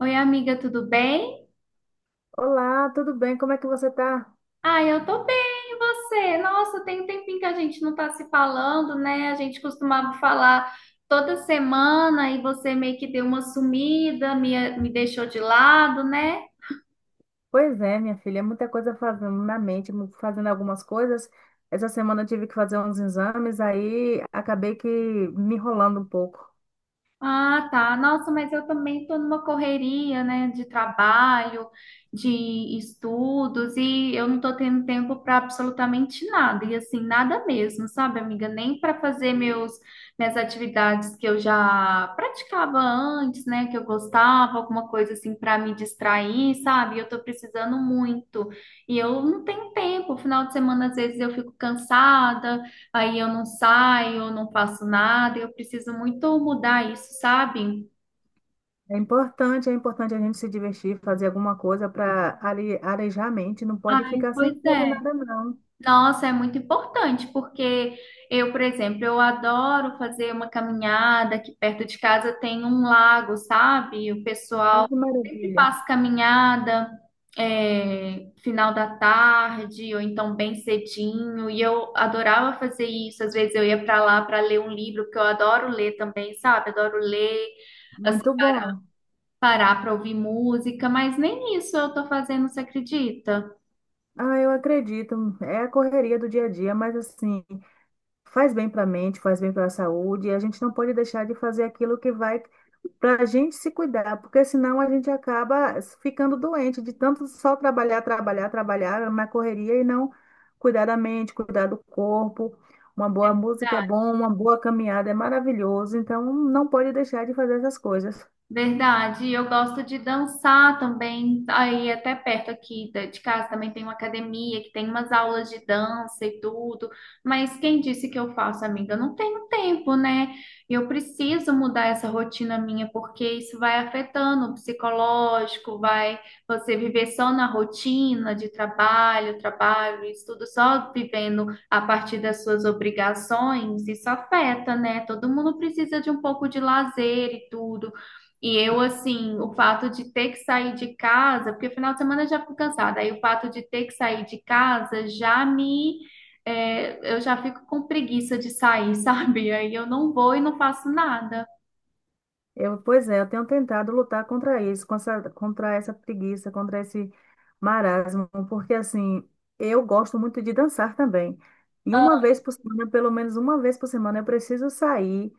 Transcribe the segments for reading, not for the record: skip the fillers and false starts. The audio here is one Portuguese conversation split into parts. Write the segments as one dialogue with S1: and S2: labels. S1: Oi, amiga, tudo bem?
S2: Olá, tudo bem? Como é que você tá?
S1: Ah, eu tô bem, e você? Nossa, tem um tempinho que a gente não tá se falando, né? A gente costumava falar toda semana e você meio que deu uma sumida, me deixou de lado, né?
S2: Pois é, minha filha, é muita coisa fazendo na mente, fazendo algumas coisas. Essa semana eu tive que fazer uns exames, aí acabei que me enrolando um pouco.
S1: Ah, tá. Nossa, mas eu também estou numa correria, né, de trabalho, de estudos, e eu não estou tendo tempo para absolutamente nada, e assim, nada mesmo, sabe, amiga? Nem para fazer meus minhas atividades que eu já praticava antes, né, que eu gostava, alguma coisa assim para me distrair, sabe? Eu estou precisando muito. E eu não tenho tempo. Final de semana, às vezes eu fico cansada, aí eu não saio, eu não faço nada, eu preciso muito mudar isso, sabe?
S2: É importante a gente se divertir, fazer alguma coisa para arejar a mente, não pode
S1: Ai,
S2: ficar sem
S1: pois
S2: fazer
S1: é.
S2: nada, não.
S1: Nossa, é muito importante, porque eu, por exemplo, eu adoro fazer uma caminhada, aqui perto de casa tem um lago, sabe? O
S2: Ai,
S1: pessoal
S2: que
S1: sempre
S2: maravilha.
S1: faz caminhada, é, final da tarde, ou então bem cedinho, e eu adorava fazer isso. Às vezes eu ia para lá para ler um livro, porque eu adoro ler também, sabe? Adoro ler.
S2: Muito bom.
S1: Parar para ouvir música, mas nem isso eu tô fazendo, você acredita?
S2: Ah, eu acredito. É a correria do dia a dia, mas assim, faz bem para a mente, faz bem para a saúde, e a gente não pode deixar de fazer aquilo que vai para a gente se cuidar, porque senão a gente acaba ficando doente de tanto só trabalhar, trabalhar, trabalhar na correria e não cuidar da mente, cuidar do corpo. Uma boa música é bom, uma boa caminhada é maravilhoso, então não pode deixar de fazer essas coisas.
S1: Verdade, eu gosto de dançar também. Aí até perto aqui de casa também tem uma academia que tem umas aulas de dança e tudo. Mas quem disse que eu faço, amiga? Eu não tenho tempo, né? Eu preciso mudar essa rotina minha porque isso vai afetando o psicológico, vai você viver só na rotina de trabalho, trabalho, estudo, só vivendo a partir das suas obrigações, isso afeta, né? Todo mundo precisa de um pouco de lazer e tudo. E eu, assim, o fato de ter que sair de casa, porque final de semana eu já fico cansada, aí o fato de ter que sair de casa já me. É, eu já fico com preguiça de sair, sabe? Aí eu não vou e não faço nada.
S2: Eu, pois é, eu tenho tentado lutar contra isso, contra essa preguiça, contra esse marasmo, porque assim, eu gosto muito de dançar também. E uma vez por semana, pelo menos uma vez por semana, eu preciso sair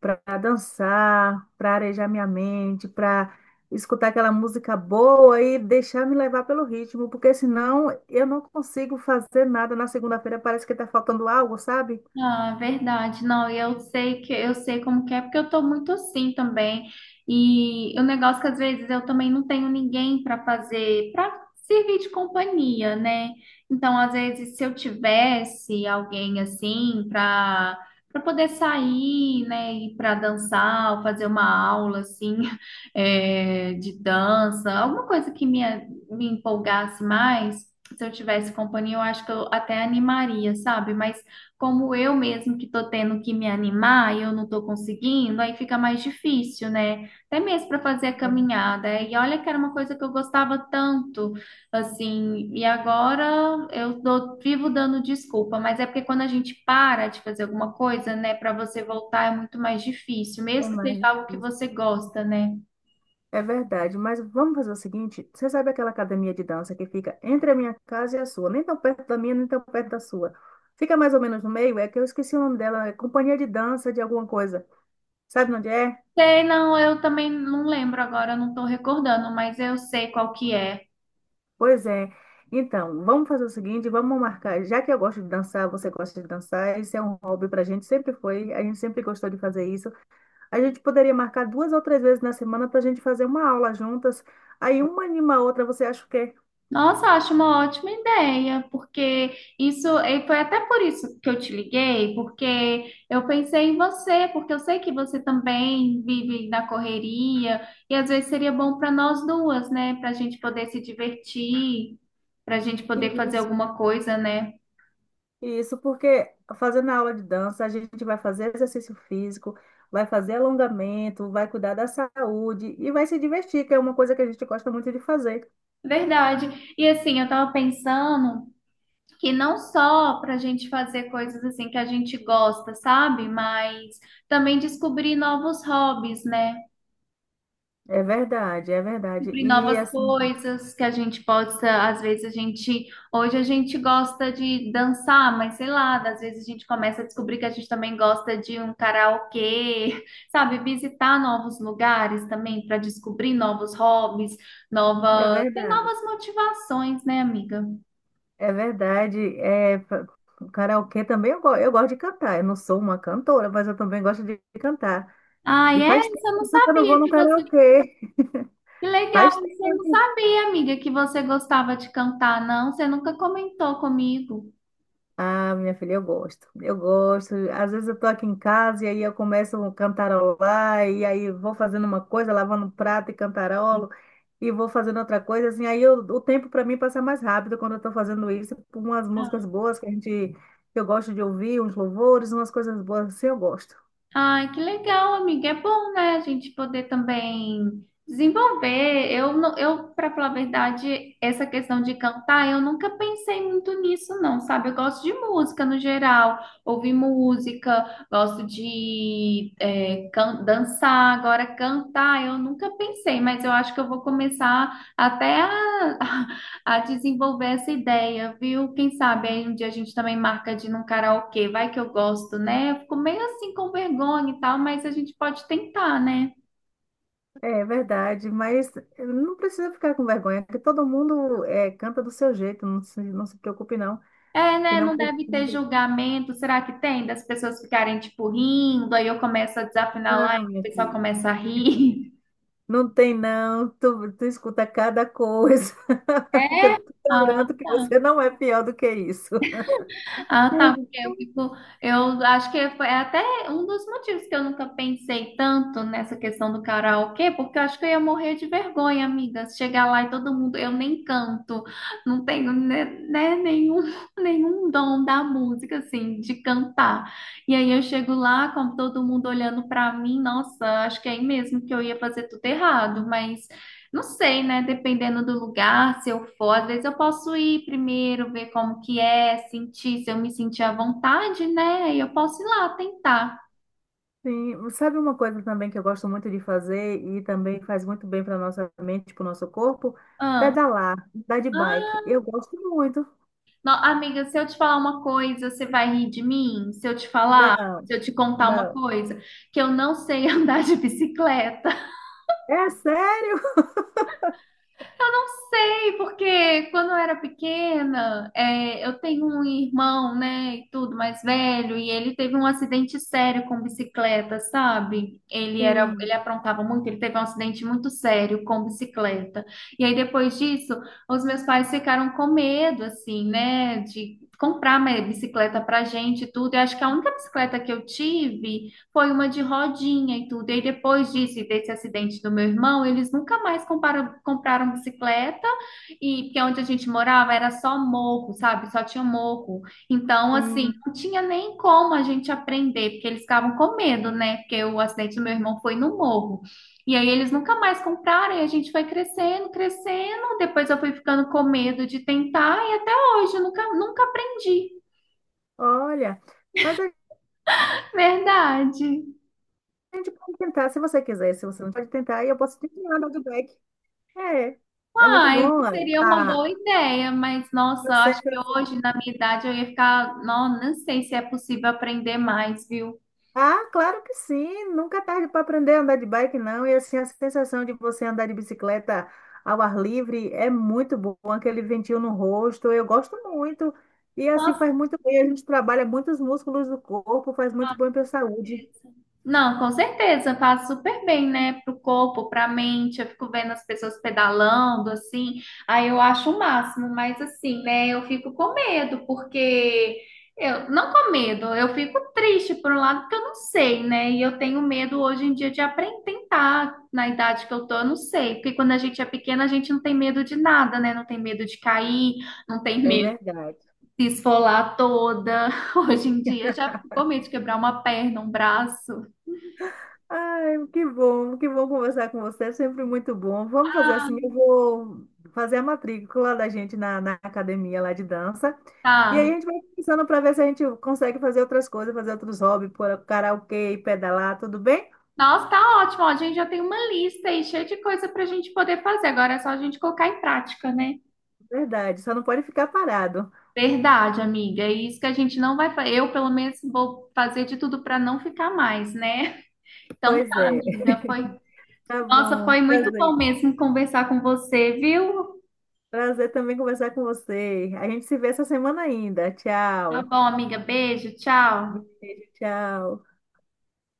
S2: para dançar, para arejar minha mente, para escutar aquela música boa e deixar me levar pelo ritmo, porque senão eu não consigo fazer nada. Na segunda-feira parece que está faltando algo, sabe?
S1: Ah, verdade. Não, e eu sei que eu sei como que é, porque eu tô muito assim também. E o negócio que às vezes eu também não tenho ninguém para fazer, para servir de companhia, né? Então, às vezes, se eu tivesse alguém assim para poder sair, né, ir para dançar, ou fazer uma aula assim, é, de dança, alguma coisa que me empolgasse mais, se eu tivesse companhia, eu acho que eu até animaria, sabe? Mas como eu mesmo que tô tendo que me animar e eu não estou conseguindo, aí fica mais difícil, né? Até mesmo para fazer a caminhada. E olha que era uma coisa que eu gostava tanto, assim, e agora eu vivo dando desculpa, mas é porque quando a gente para de fazer alguma coisa, né, para você voltar é muito mais difícil,
S2: É
S1: mesmo que
S2: mais
S1: seja algo que
S2: difícil.
S1: você gosta, né?
S2: É verdade, mas vamos fazer o seguinte: você sabe aquela academia de dança que fica entre a minha casa e a sua? Nem tão perto da minha, nem tão perto da sua. Fica mais ou menos no meio, é que eu esqueci o nome dela, é Companhia de Dança de alguma coisa. Sabe onde é?
S1: Sei, não, eu também não lembro agora, eu não estou recordando, mas eu sei qual que é.
S2: Pois é. Então, vamos fazer o seguinte: vamos marcar. Já que eu gosto de dançar, você gosta de dançar, isso é um hobby pra gente, sempre foi, a gente sempre gostou de fazer isso. A gente poderia marcar duas ou três vezes na semana pra gente fazer uma aula juntas. Aí uma anima a outra, você acha o quê?
S1: Nossa, acho uma ótima ideia, porque isso, e foi até por isso que eu te liguei, porque eu pensei em você, porque eu sei que você também vive na correria, e às vezes seria bom para nós duas, né? Para a gente poder se divertir, para a gente poder fazer alguma coisa, né?
S2: Isso porque fazendo a aula de dança, a gente vai fazer exercício físico, vai fazer alongamento, vai cuidar da saúde e vai se divertir, que é uma coisa que a gente gosta muito de fazer.
S1: Verdade. E assim, eu tava pensando que não só para a gente fazer coisas assim que a gente gosta, sabe? Mas também descobrir novos hobbies, né?
S2: É verdade, é verdade.
S1: Descobrir
S2: E
S1: novas
S2: assim,
S1: coisas que a gente possa, às vezes a gente, hoje a gente gosta de dançar, mas sei lá, às vezes a gente começa a descobrir que a gente também gosta de um karaokê, sabe, visitar novos lugares também para descobrir novos hobbies,
S2: é
S1: tem
S2: verdade,
S1: novas motivações, né, amiga?
S2: é verdade. É, karaokê também eu gosto de cantar. Eu não sou uma cantora, mas eu também gosto de cantar.
S1: Ah,
S2: E
S1: é?
S2: faz tempo
S1: Isso eu não
S2: que eu não vou
S1: sabia
S2: no
S1: que você...
S2: karaokê.
S1: Que
S2: Faz
S1: legal, isso eu não
S2: tempo.
S1: sabia, amiga, que você gostava de cantar, não. Você nunca comentou comigo.
S2: Ah, minha filha, eu gosto. Eu gosto. Às vezes eu tô aqui em casa e aí eu começo a cantarolar e aí vou fazendo uma coisa, lavando um prato e cantarolo e vou fazendo outra coisa assim. Aí eu- o tempo para mim passa mais rápido quando eu tô fazendo isso, com umas músicas boas que a gente que eu gosto de ouvir, uns louvores, umas coisas boas assim, eu gosto.
S1: Ai, que legal, amiga. É bom, né, a gente poder também desenvolver. Eu, eu para falar a verdade, essa questão de cantar, eu nunca pensei muito nisso, não, sabe? Eu gosto de música no geral, ouvir música, gosto de dançar. Agora, cantar, eu nunca pensei, mas eu acho que eu vou começar até a a desenvolver essa ideia, viu? Quem sabe aí um dia a gente também marca de ir num karaokê, vai que eu gosto, né? Eu fico meio assim com vergonha e tal, mas a gente pode tentar, né?
S2: É verdade, mas não precisa ficar com vergonha, porque todo mundo é, canta do seu jeito, não se preocupe não,
S1: É,
S2: que
S1: né?
S2: não
S1: Não deve ter
S2: precisa.
S1: julgamento. Será que tem? Das pessoas ficarem, tipo, rindo, aí eu começo a desafinar lá e
S2: Não,
S1: o
S2: minha
S1: pessoal
S2: filha.
S1: começa a rir.
S2: Não tem não, tu escuta cada coisa. Que eu
S1: É,
S2: te
S1: ah,
S2: garanto que
S1: tá.
S2: você não é pior do que isso.
S1: Ah, tá. Porque eu fico, eu acho que foi até um dos motivos que eu nunca pensei tanto nessa questão do karaokê, porque eu acho que eu ia morrer de vergonha, amiga. Se chegar lá e todo mundo, eu nem canto, não tenho né, nenhum, nenhum dom da música, assim, de cantar. E aí eu chego lá, com todo mundo olhando pra mim, nossa, acho que é aí mesmo que eu ia fazer tudo errado, mas. Não sei, né? Dependendo do lugar, se eu for, às vezes eu posso ir primeiro, ver como que é, sentir, se eu me sentir à vontade, né? Aí eu posso ir lá tentar.
S2: Sim, sabe uma coisa também que eu gosto muito de fazer e também faz muito bem para nossa mente, para o nosso corpo?
S1: Ah,
S2: Pedalar, andar de bike.
S1: ah,
S2: Eu gosto muito.
S1: não, amiga, se eu te falar uma coisa, você vai rir de mim?
S2: Não,
S1: Se eu te contar uma
S2: não.
S1: coisa, que eu não sei andar de bicicleta.
S2: É sério?
S1: Eu não sei, porque quando eu era pequena, é, eu tenho um irmão, né, e tudo mais velho, e ele teve um acidente sério com bicicleta, sabe? Ele era, ele
S2: Sim,
S1: aprontava muito, ele teve um acidente muito sério com bicicleta. E aí depois disso, os meus pais ficaram com medo, assim, né, de comprar uma bicicleta pra gente e tudo. Eu acho que a única bicicleta que eu tive foi uma de rodinha e tudo. E aí, depois disso e desse acidente do meu irmão, eles nunca mais compraram bicicleta, e porque é onde a gente morava era só morro, sabe? Só tinha morro. Então, assim,
S2: sim.
S1: não tinha nem como a gente aprender, porque eles ficavam com medo, né? Porque o acidente do meu irmão foi no morro. E aí eles nunca mais compraram, e a gente foi crescendo, crescendo. Depois eu fui ficando com medo de tentar, e até hoje eu nunca aprendi.
S2: Olha, mas a
S1: Verdade.
S2: gente pode tentar se você quiser. Se você não pode tentar, aí eu posso te ensinar a andar de bike. É, é muito
S1: Ai,
S2: bom.
S1: seria uma boa
S2: A,
S1: ideia, mas nossa,
S2: Eu
S1: acho
S2: sempre
S1: que hoje,
S2: fui.
S1: na minha idade, eu ia ficar. Não, não sei se é possível aprender mais, viu?
S2: Ah, claro que sim. Nunca é tarde para aprender a andar de bike, não. E assim, a sensação de você andar de bicicleta ao ar livre é muito bom. Aquele ventinho no rosto, eu gosto muito. E assim
S1: Nossa,
S2: faz muito bem. A gente trabalha muitos músculos do corpo, faz muito bem para a saúde.
S1: não, com certeza, faz super bem, né? Pro corpo, pra mente. Eu fico vendo as pessoas pedalando, assim, aí eu acho o máximo, mas assim, né? Eu fico com medo, porque eu não com medo, eu fico triste por um lado, porque eu não sei, né? E eu tenho medo hoje em dia de aprender, tentar na idade que eu tô, eu não sei. Porque quando a gente é pequena, a gente não tem medo de nada, né? Não tem medo de cair, não tem
S2: É
S1: medo
S2: verdade.
S1: de se esfolar toda. Hoje em dia, eu já fico com medo de quebrar uma perna, um braço.
S2: Ai, que bom conversar com você, é sempre muito bom. Vamos fazer assim, eu vou fazer a matrícula da gente na academia lá de dança. E
S1: Tá.
S2: aí a gente vai pensando para ver se a gente consegue fazer outras coisas, fazer outros hobbies, por karaokê, pedalar, tudo bem?
S1: Nossa, tá ótimo. Ó, a gente já tem uma lista aí cheia de coisa para a gente poder fazer. Agora é só a gente colocar em prática, né?
S2: Verdade, só não pode ficar parado.
S1: Verdade, amiga. É isso que a gente não vai fazer. Eu, pelo menos, vou fazer de tudo para não ficar mais, né? Então
S2: Pois
S1: tá,
S2: é,
S1: amiga. Foi...
S2: tá
S1: Nossa,
S2: bom.
S1: foi muito bom
S2: Prazer.
S1: mesmo conversar com você, viu?
S2: Prazer também conversar com você. A gente se vê essa semana ainda.
S1: Tá
S2: Tchau.
S1: bom, amiga. Beijo, tchau.
S2: Beijo, tchau.